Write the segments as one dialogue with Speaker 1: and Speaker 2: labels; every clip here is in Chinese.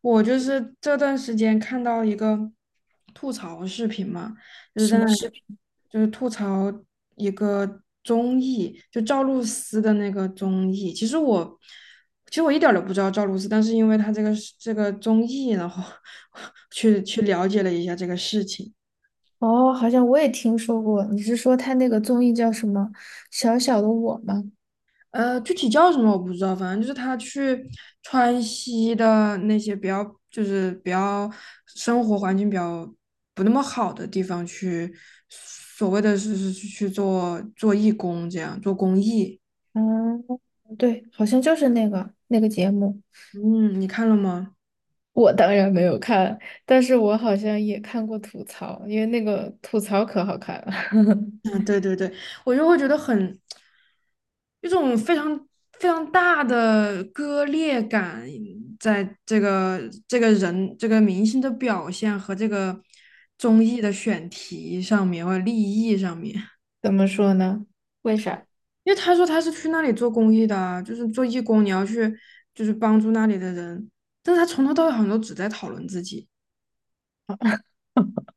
Speaker 1: 我就是这段时间看到一个吐槽视频嘛，就是
Speaker 2: 什
Speaker 1: 在那
Speaker 2: 么
Speaker 1: 里
Speaker 2: 视频？
Speaker 1: 就是吐槽一个综艺，就赵露思的那个综艺。其实我一点儿都不知道赵露思，但是因为她这个综艺，然后 去了解了一下这个事情。
Speaker 2: 哦，好像我也听说过。你是说他那个综艺叫什么《小小的我》吗？
Speaker 1: 具体叫什么我不知道，反正就是他去川西的那些比较，就是比较生活环境比较不那么好的地方去，所谓的是去做做义工，这样做公益。
Speaker 2: 嗯，对，好像就是那个节目。
Speaker 1: 嗯，你看了吗？
Speaker 2: 我当然没有看，但是我好像也看过吐槽，因为那个吐槽可好看了。
Speaker 1: 嗯，对对对，我就会觉得很一种非常非常大的割裂感，在这个人这个明星的表现和这个综艺的选题上面或者利益上面，
Speaker 2: 怎么说呢？为啥？
Speaker 1: 因为他说他是去那里做公益的啊，就是做义工，你要去就是帮助那里的人，但是他从头到尾好像都只在讨论自己。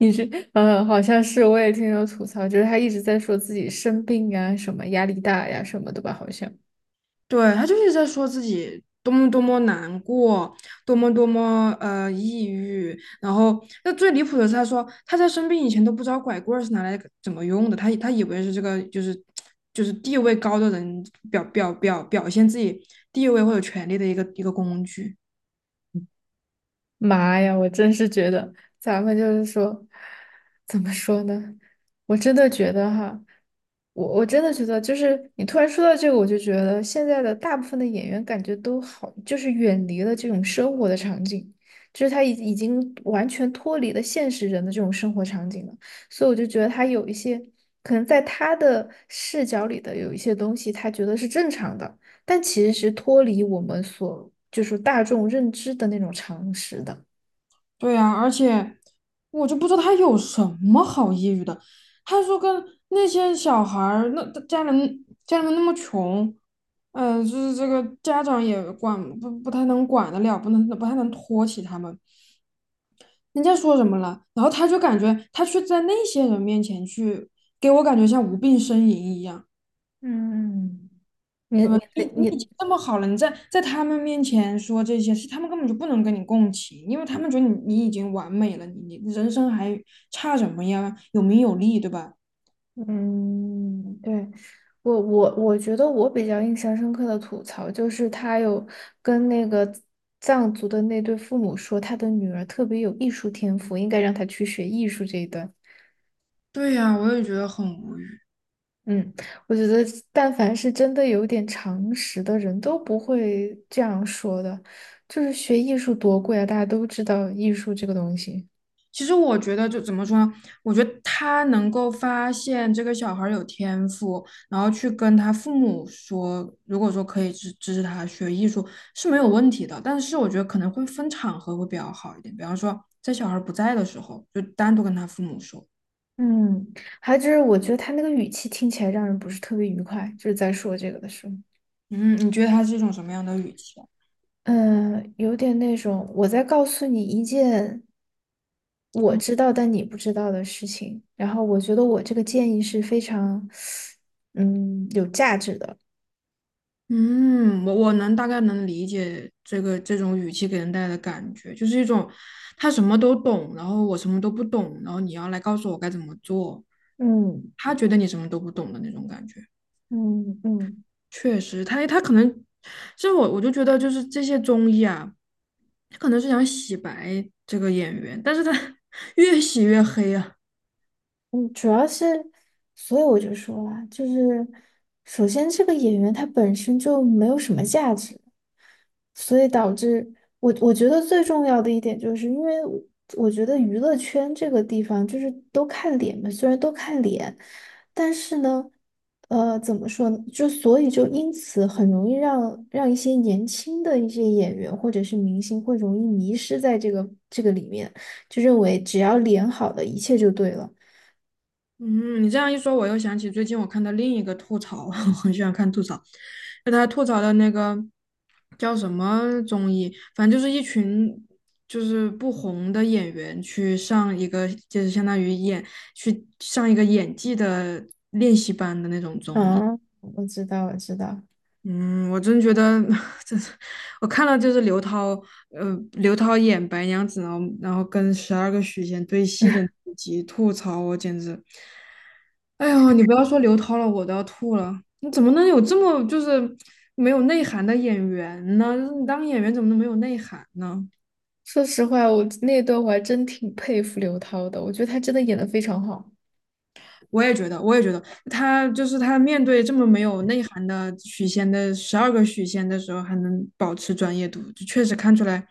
Speaker 2: 你是，嗯，好像是，我也听人吐槽，就是他一直在说自己生病啊，什么压力大呀、什么的吧，好像。
Speaker 1: 对，他就是在说自己多么多么难过，多么多么抑郁。然后，那最离谱的是，他说他在生病以前都不知道拐棍儿是拿来怎么用的，他以为是这个，就是地位高的人表现自己地位或者权力的一个工具。
Speaker 2: 妈呀，我真是觉得咱们就是说，怎么说呢？我真的觉得哈，我真的觉得，就是你突然说到这个，我就觉得现在的大部分的演员感觉都好，就是远离了这种生活的场景，就是他已经完全脱离了现实人的这种生活场景了。所以我就觉得他有一些可能在他的视角里的有一些东西，他觉得是正常的。但其实是脱离我们所就是大众认知的那种常识的。
Speaker 1: 对呀，而且我就不知道他有什么好抑郁的。他说跟那些小孩儿，那家人那么穷，就是这个家长也管不不太能管得了，不太能托起他们。人家说什么了，然后他就感觉他去在那些人面前去，给我感觉像无病呻吟一样。
Speaker 2: 嗯，你你
Speaker 1: 嗯，你
Speaker 2: 对
Speaker 1: 你已
Speaker 2: 你，
Speaker 1: 经这么好了，你在他们面前说这些事，他们根本就不能跟你共情，因为他们觉得你已经完美了，你人生还差什么呀？有名有利，对吧？
Speaker 2: 嗯，对，我觉得我比较印象深刻的吐槽就是他有跟那个藏族的那对父母说他的女儿特别有艺术天赋，应该让她去学艺术这一段。
Speaker 1: 对呀，我也觉得很无语。
Speaker 2: 嗯，我觉得但凡是真的有点常识的人都不会这样说的。就是学艺术多贵啊，大家都知道艺术这个东西。
Speaker 1: 其实我觉得就怎么说呢，我觉得他能够发现这个小孩儿有天赋，然后去跟他父母说，如果说可以支持他学艺术是没有问题的，但是我觉得可能会分场合会比较好一点，比方说在小孩儿不在的时候，就单独跟他父母说。
Speaker 2: 嗯，还有就是我觉得他那个语气听起来让人不是特别愉快，就是在说这个的时候，
Speaker 1: 嗯，你觉得他是一种什么样的语气啊？
Speaker 2: 嗯，有点那种我在告诉你一件我
Speaker 1: 哦。
Speaker 2: 知道但你不知道的事情，然后我觉得我这个建议是非常，嗯，有价值的。
Speaker 1: 嗯，我能大概能理解这个这种语气给人带来的感觉，就是一种他什么都懂，然后我什么都不懂，然后你要来告诉我该怎么做，
Speaker 2: 嗯
Speaker 1: 他觉得你什么都不懂的那种感觉。
Speaker 2: 嗯嗯。
Speaker 1: 确实，他可能，其实我就觉得就是这些综艺啊，他可能是想洗白这个演员，但是他 越洗越黑啊。
Speaker 2: 嗯，主要是，所以我就说啦，就是首先这个演员他本身就没有什么价值，所以导致我觉得最重要的一点就是因为我，我觉得娱乐圈这个地方就是都看脸嘛，虽然都看脸，但是呢，怎么说呢？就所以就因此很容易让一些年轻的一些演员或者是明星会容易迷失在这个里面，就认为只要脸好的一切就对了。
Speaker 1: 嗯，你这样一说，我又想起最近我看到另一个吐槽，我很喜欢看吐槽，就他吐槽的那个叫什么综艺，反正就是一群就是不红的演员去上一个，就是相当于去上一个演技的练习班的那种综艺。
Speaker 2: 嗯，我知道，我知道。
Speaker 1: 嗯，我真觉得，这是我看了就是刘涛，刘涛演白娘子，然后跟十二个许仙对戏的那集吐槽，我简直。哎呦，你不要说刘涛了，我都要吐了。你怎么能有这么就是没有内涵的演员呢？你当演员怎么能没有内涵呢？
Speaker 2: 说实话，我那段我还真挺佩服刘涛的，我觉得她真的演的非常好。
Speaker 1: 我也觉得，他就是他面对这么没有内涵的许仙的十二个许仙的时候，还能保持专业度，就确实看出来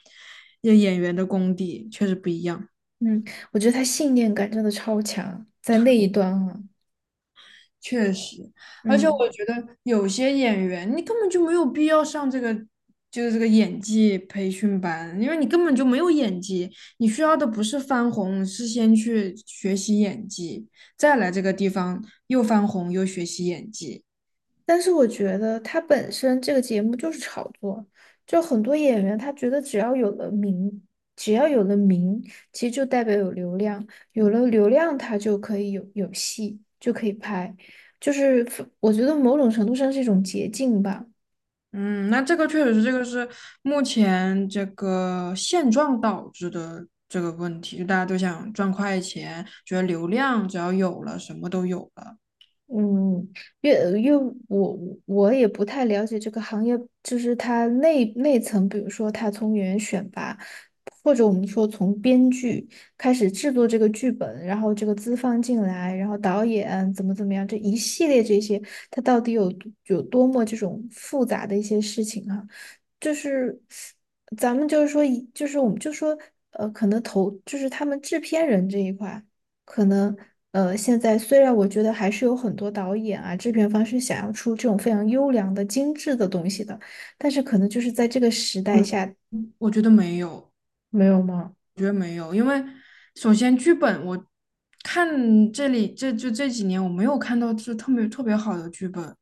Speaker 1: 这演员的功底确实不一样。
Speaker 2: 嗯，我觉得她信念感真的超强，在那一段啊，
Speaker 1: 确实，而且我
Speaker 2: 嗯。
Speaker 1: 觉得有些演员，你根本就没有必要上这个，就是这个演技培训班，因为你根本就没有演技，你需要的不是翻红，是先去学习演技，再来这个地方又翻红又学习演技。
Speaker 2: 但是我觉得她本身这个节目就是炒作，就很多演员他觉得只要有了名，只要有了名，其实就代表有流量，有了流量他就可以有戏，就可以拍，就是我觉得某种程度上是一种捷径吧。
Speaker 1: 嗯，那这个确实是，这个是目前这个现状导致的这个问题，就大家都想赚快钱，觉得流量只要有了，什么都有了。
Speaker 2: 嗯，因为我，我也不太了解这个行业，就是它内层，比如说它从演员选拔，或者我们说从编剧开始制作这个剧本，然后这个资方进来，然后导演怎么怎么样，这一系列这些，它到底有多么这种复杂的一些事情啊？就是咱们就是说以，就是我们就说，可能投就是他们制片人这一块。可能，现在虽然我觉得还是有很多导演啊、制片方是想要出这种非常优良的、精致的东西的，但是可能就是在这个时代
Speaker 1: 嗯，
Speaker 2: 下，
Speaker 1: 我觉得没有。
Speaker 2: 没有吗？
Speaker 1: 我觉得没有，因为首先剧本我看这里，这就这几年我没有看到就特别特别好的剧本，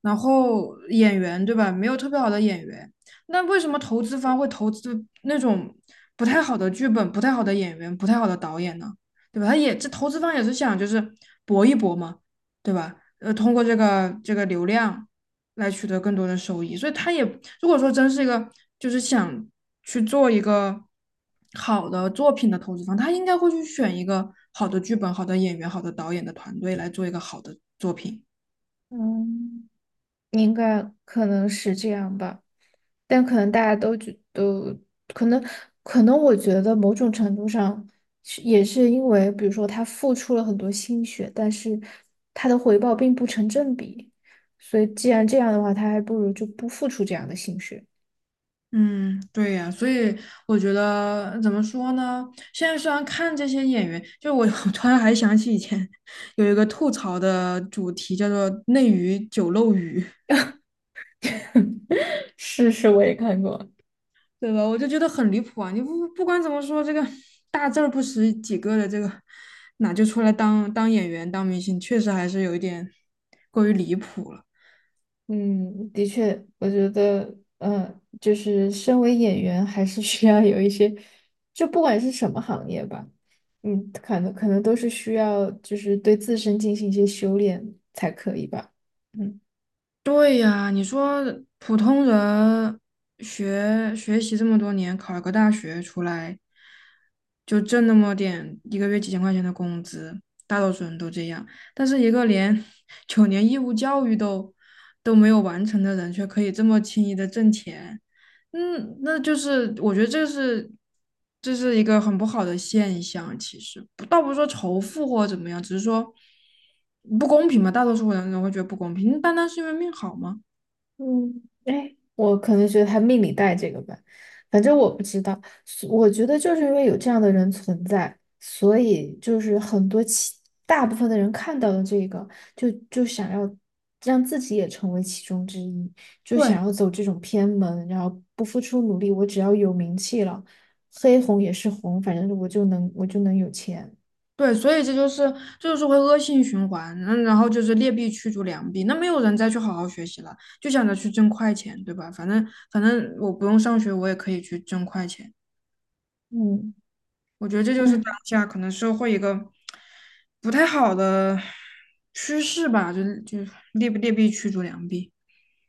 Speaker 1: 然后演员对吧，没有特别好的演员，那为什么投资方会投资那种不太好的剧本、不太好的演员、不太好的导演呢？对吧？这投资方也是想就是搏一搏嘛，对吧？通过这个流量来取得更多的收益，所以他也，如果说真是一个就是想去做一个好的作品的投资方，他应该会去选一个好的剧本、好的演员、好的导演的团队来做一个好的作品。
Speaker 2: 嗯，应该可能是这样吧，但可能大家都觉都可能，可能，我觉得某种程度上是也是因为，比如说他付出了很多心血，但是他的回报并不成正比，所以既然这样的话，他还不如就不付出这样的心血。
Speaker 1: 嗯，对呀，所以我觉得怎么说呢？现在虽然看这些演员，就我 我突然还想起以前有一个吐槽的主题，叫做"内娱酒漏鱼"，
Speaker 2: 是是，我也看过。
Speaker 1: 对吧？我就觉得很离谱啊！你不管怎么说，这个大字儿不识几个的，这个哪就出来当演员、当明星，确实还是有一点过于离谱了。
Speaker 2: 嗯，的确，我觉得，嗯，就是身为演员，还是需要有一些，就不管是什么行业吧，嗯，可能都是需要，就是对自身进行一些修炼才可以吧。嗯。
Speaker 1: 对呀，你说普通人学习这么多年，考个大学出来，就挣那么点，一个月几千块钱的工资，大多数人都这样。但是一个连 九年义务教育都没有完成的人，却可以这么轻易的挣钱，嗯，那就是我觉得这是，一个很不好的现象。其实不倒不是说仇富或者怎么样，只是说不公平嘛。大多数人都会觉得不公平，单单是因为命好吗？
Speaker 2: 嗯，哎，我可能觉得他命里带这个吧，反正我不知道。所我觉得就是因为有这样的人存在，所以就是很多其大部分的人看到了这个，就想要让自己也成为其中之一，就
Speaker 1: 对
Speaker 2: 想要走这种偏门，然后不付出努力，我只要有名气了，黑红也是红，反正我就能有钱。
Speaker 1: 对，所以这就是，会恶性循环。嗯，然后就是劣币驱逐良币，那没有人再去好好学习了，就想着去挣快钱，对吧？反正我不用上学，我也可以去挣快钱。
Speaker 2: 嗯。
Speaker 1: 我觉得这就是当下可能社会一个不太好的趋势吧，就劣币驱逐良币。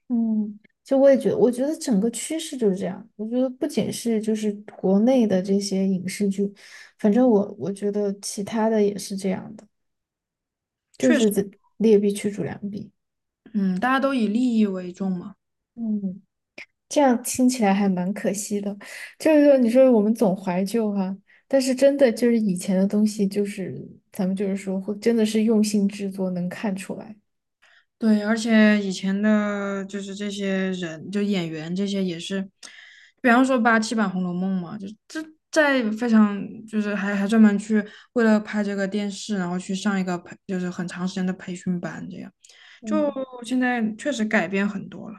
Speaker 2: 嗯，就我也觉得，我觉得整个趋势就是这样。我觉得不仅是就是国内的这些影视剧，反正我觉得其他的也是这样的，就是这劣币驱逐良币。
Speaker 1: 嗯，大家都以利益为重嘛。
Speaker 2: 嗯，这样听起来还蛮可惜的。就是说，你说我们总怀旧哈、但是真的就是以前的东西，就是咱们就是说，会真的是用心制作，能看出来。
Speaker 1: 对，而且以前的就是这些人，就演员这些也是，比方说87版《红楼梦》嘛，就这在非常就是还专门去为了拍这个电视，然后去上一个就是很长时间的培训班，这样就
Speaker 2: 嗯。
Speaker 1: 现在确实改变很多了。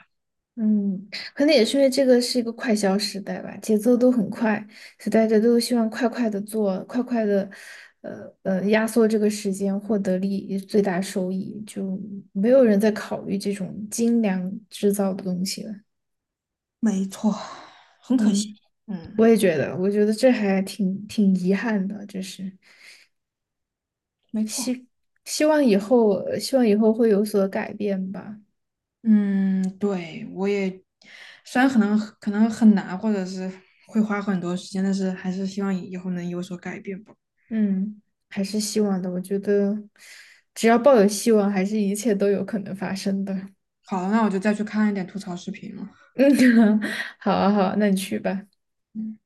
Speaker 2: 嗯，可能也是因为这个是一个快消时代吧，节奏都很快，所以大家都希望快快的做，快快的，压缩这个时间，获得利益最大收益，就没有人在考虑这种精良制造的东西了。
Speaker 1: 没错，很可惜。
Speaker 2: 嗯，
Speaker 1: 嗯。
Speaker 2: 我也觉得，我觉得这还挺遗憾的，就是
Speaker 1: 没错。
Speaker 2: 希望以后，希望以后会有所改变吧。
Speaker 1: 嗯，对，我也，虽然可能很难，或者是会花很多时间，但是还是希望以后能有所改变吧。
Speaker 2: 嗯，还是希望的，我觉得只要抱有希望，还是一切都有可能发生的。
Speaker 1: 好了，那我就再去看一点吐槽视频了。
Speaker 2: 嗯，好啊，好啊，那你去吧。
Speaker 1: 嗯。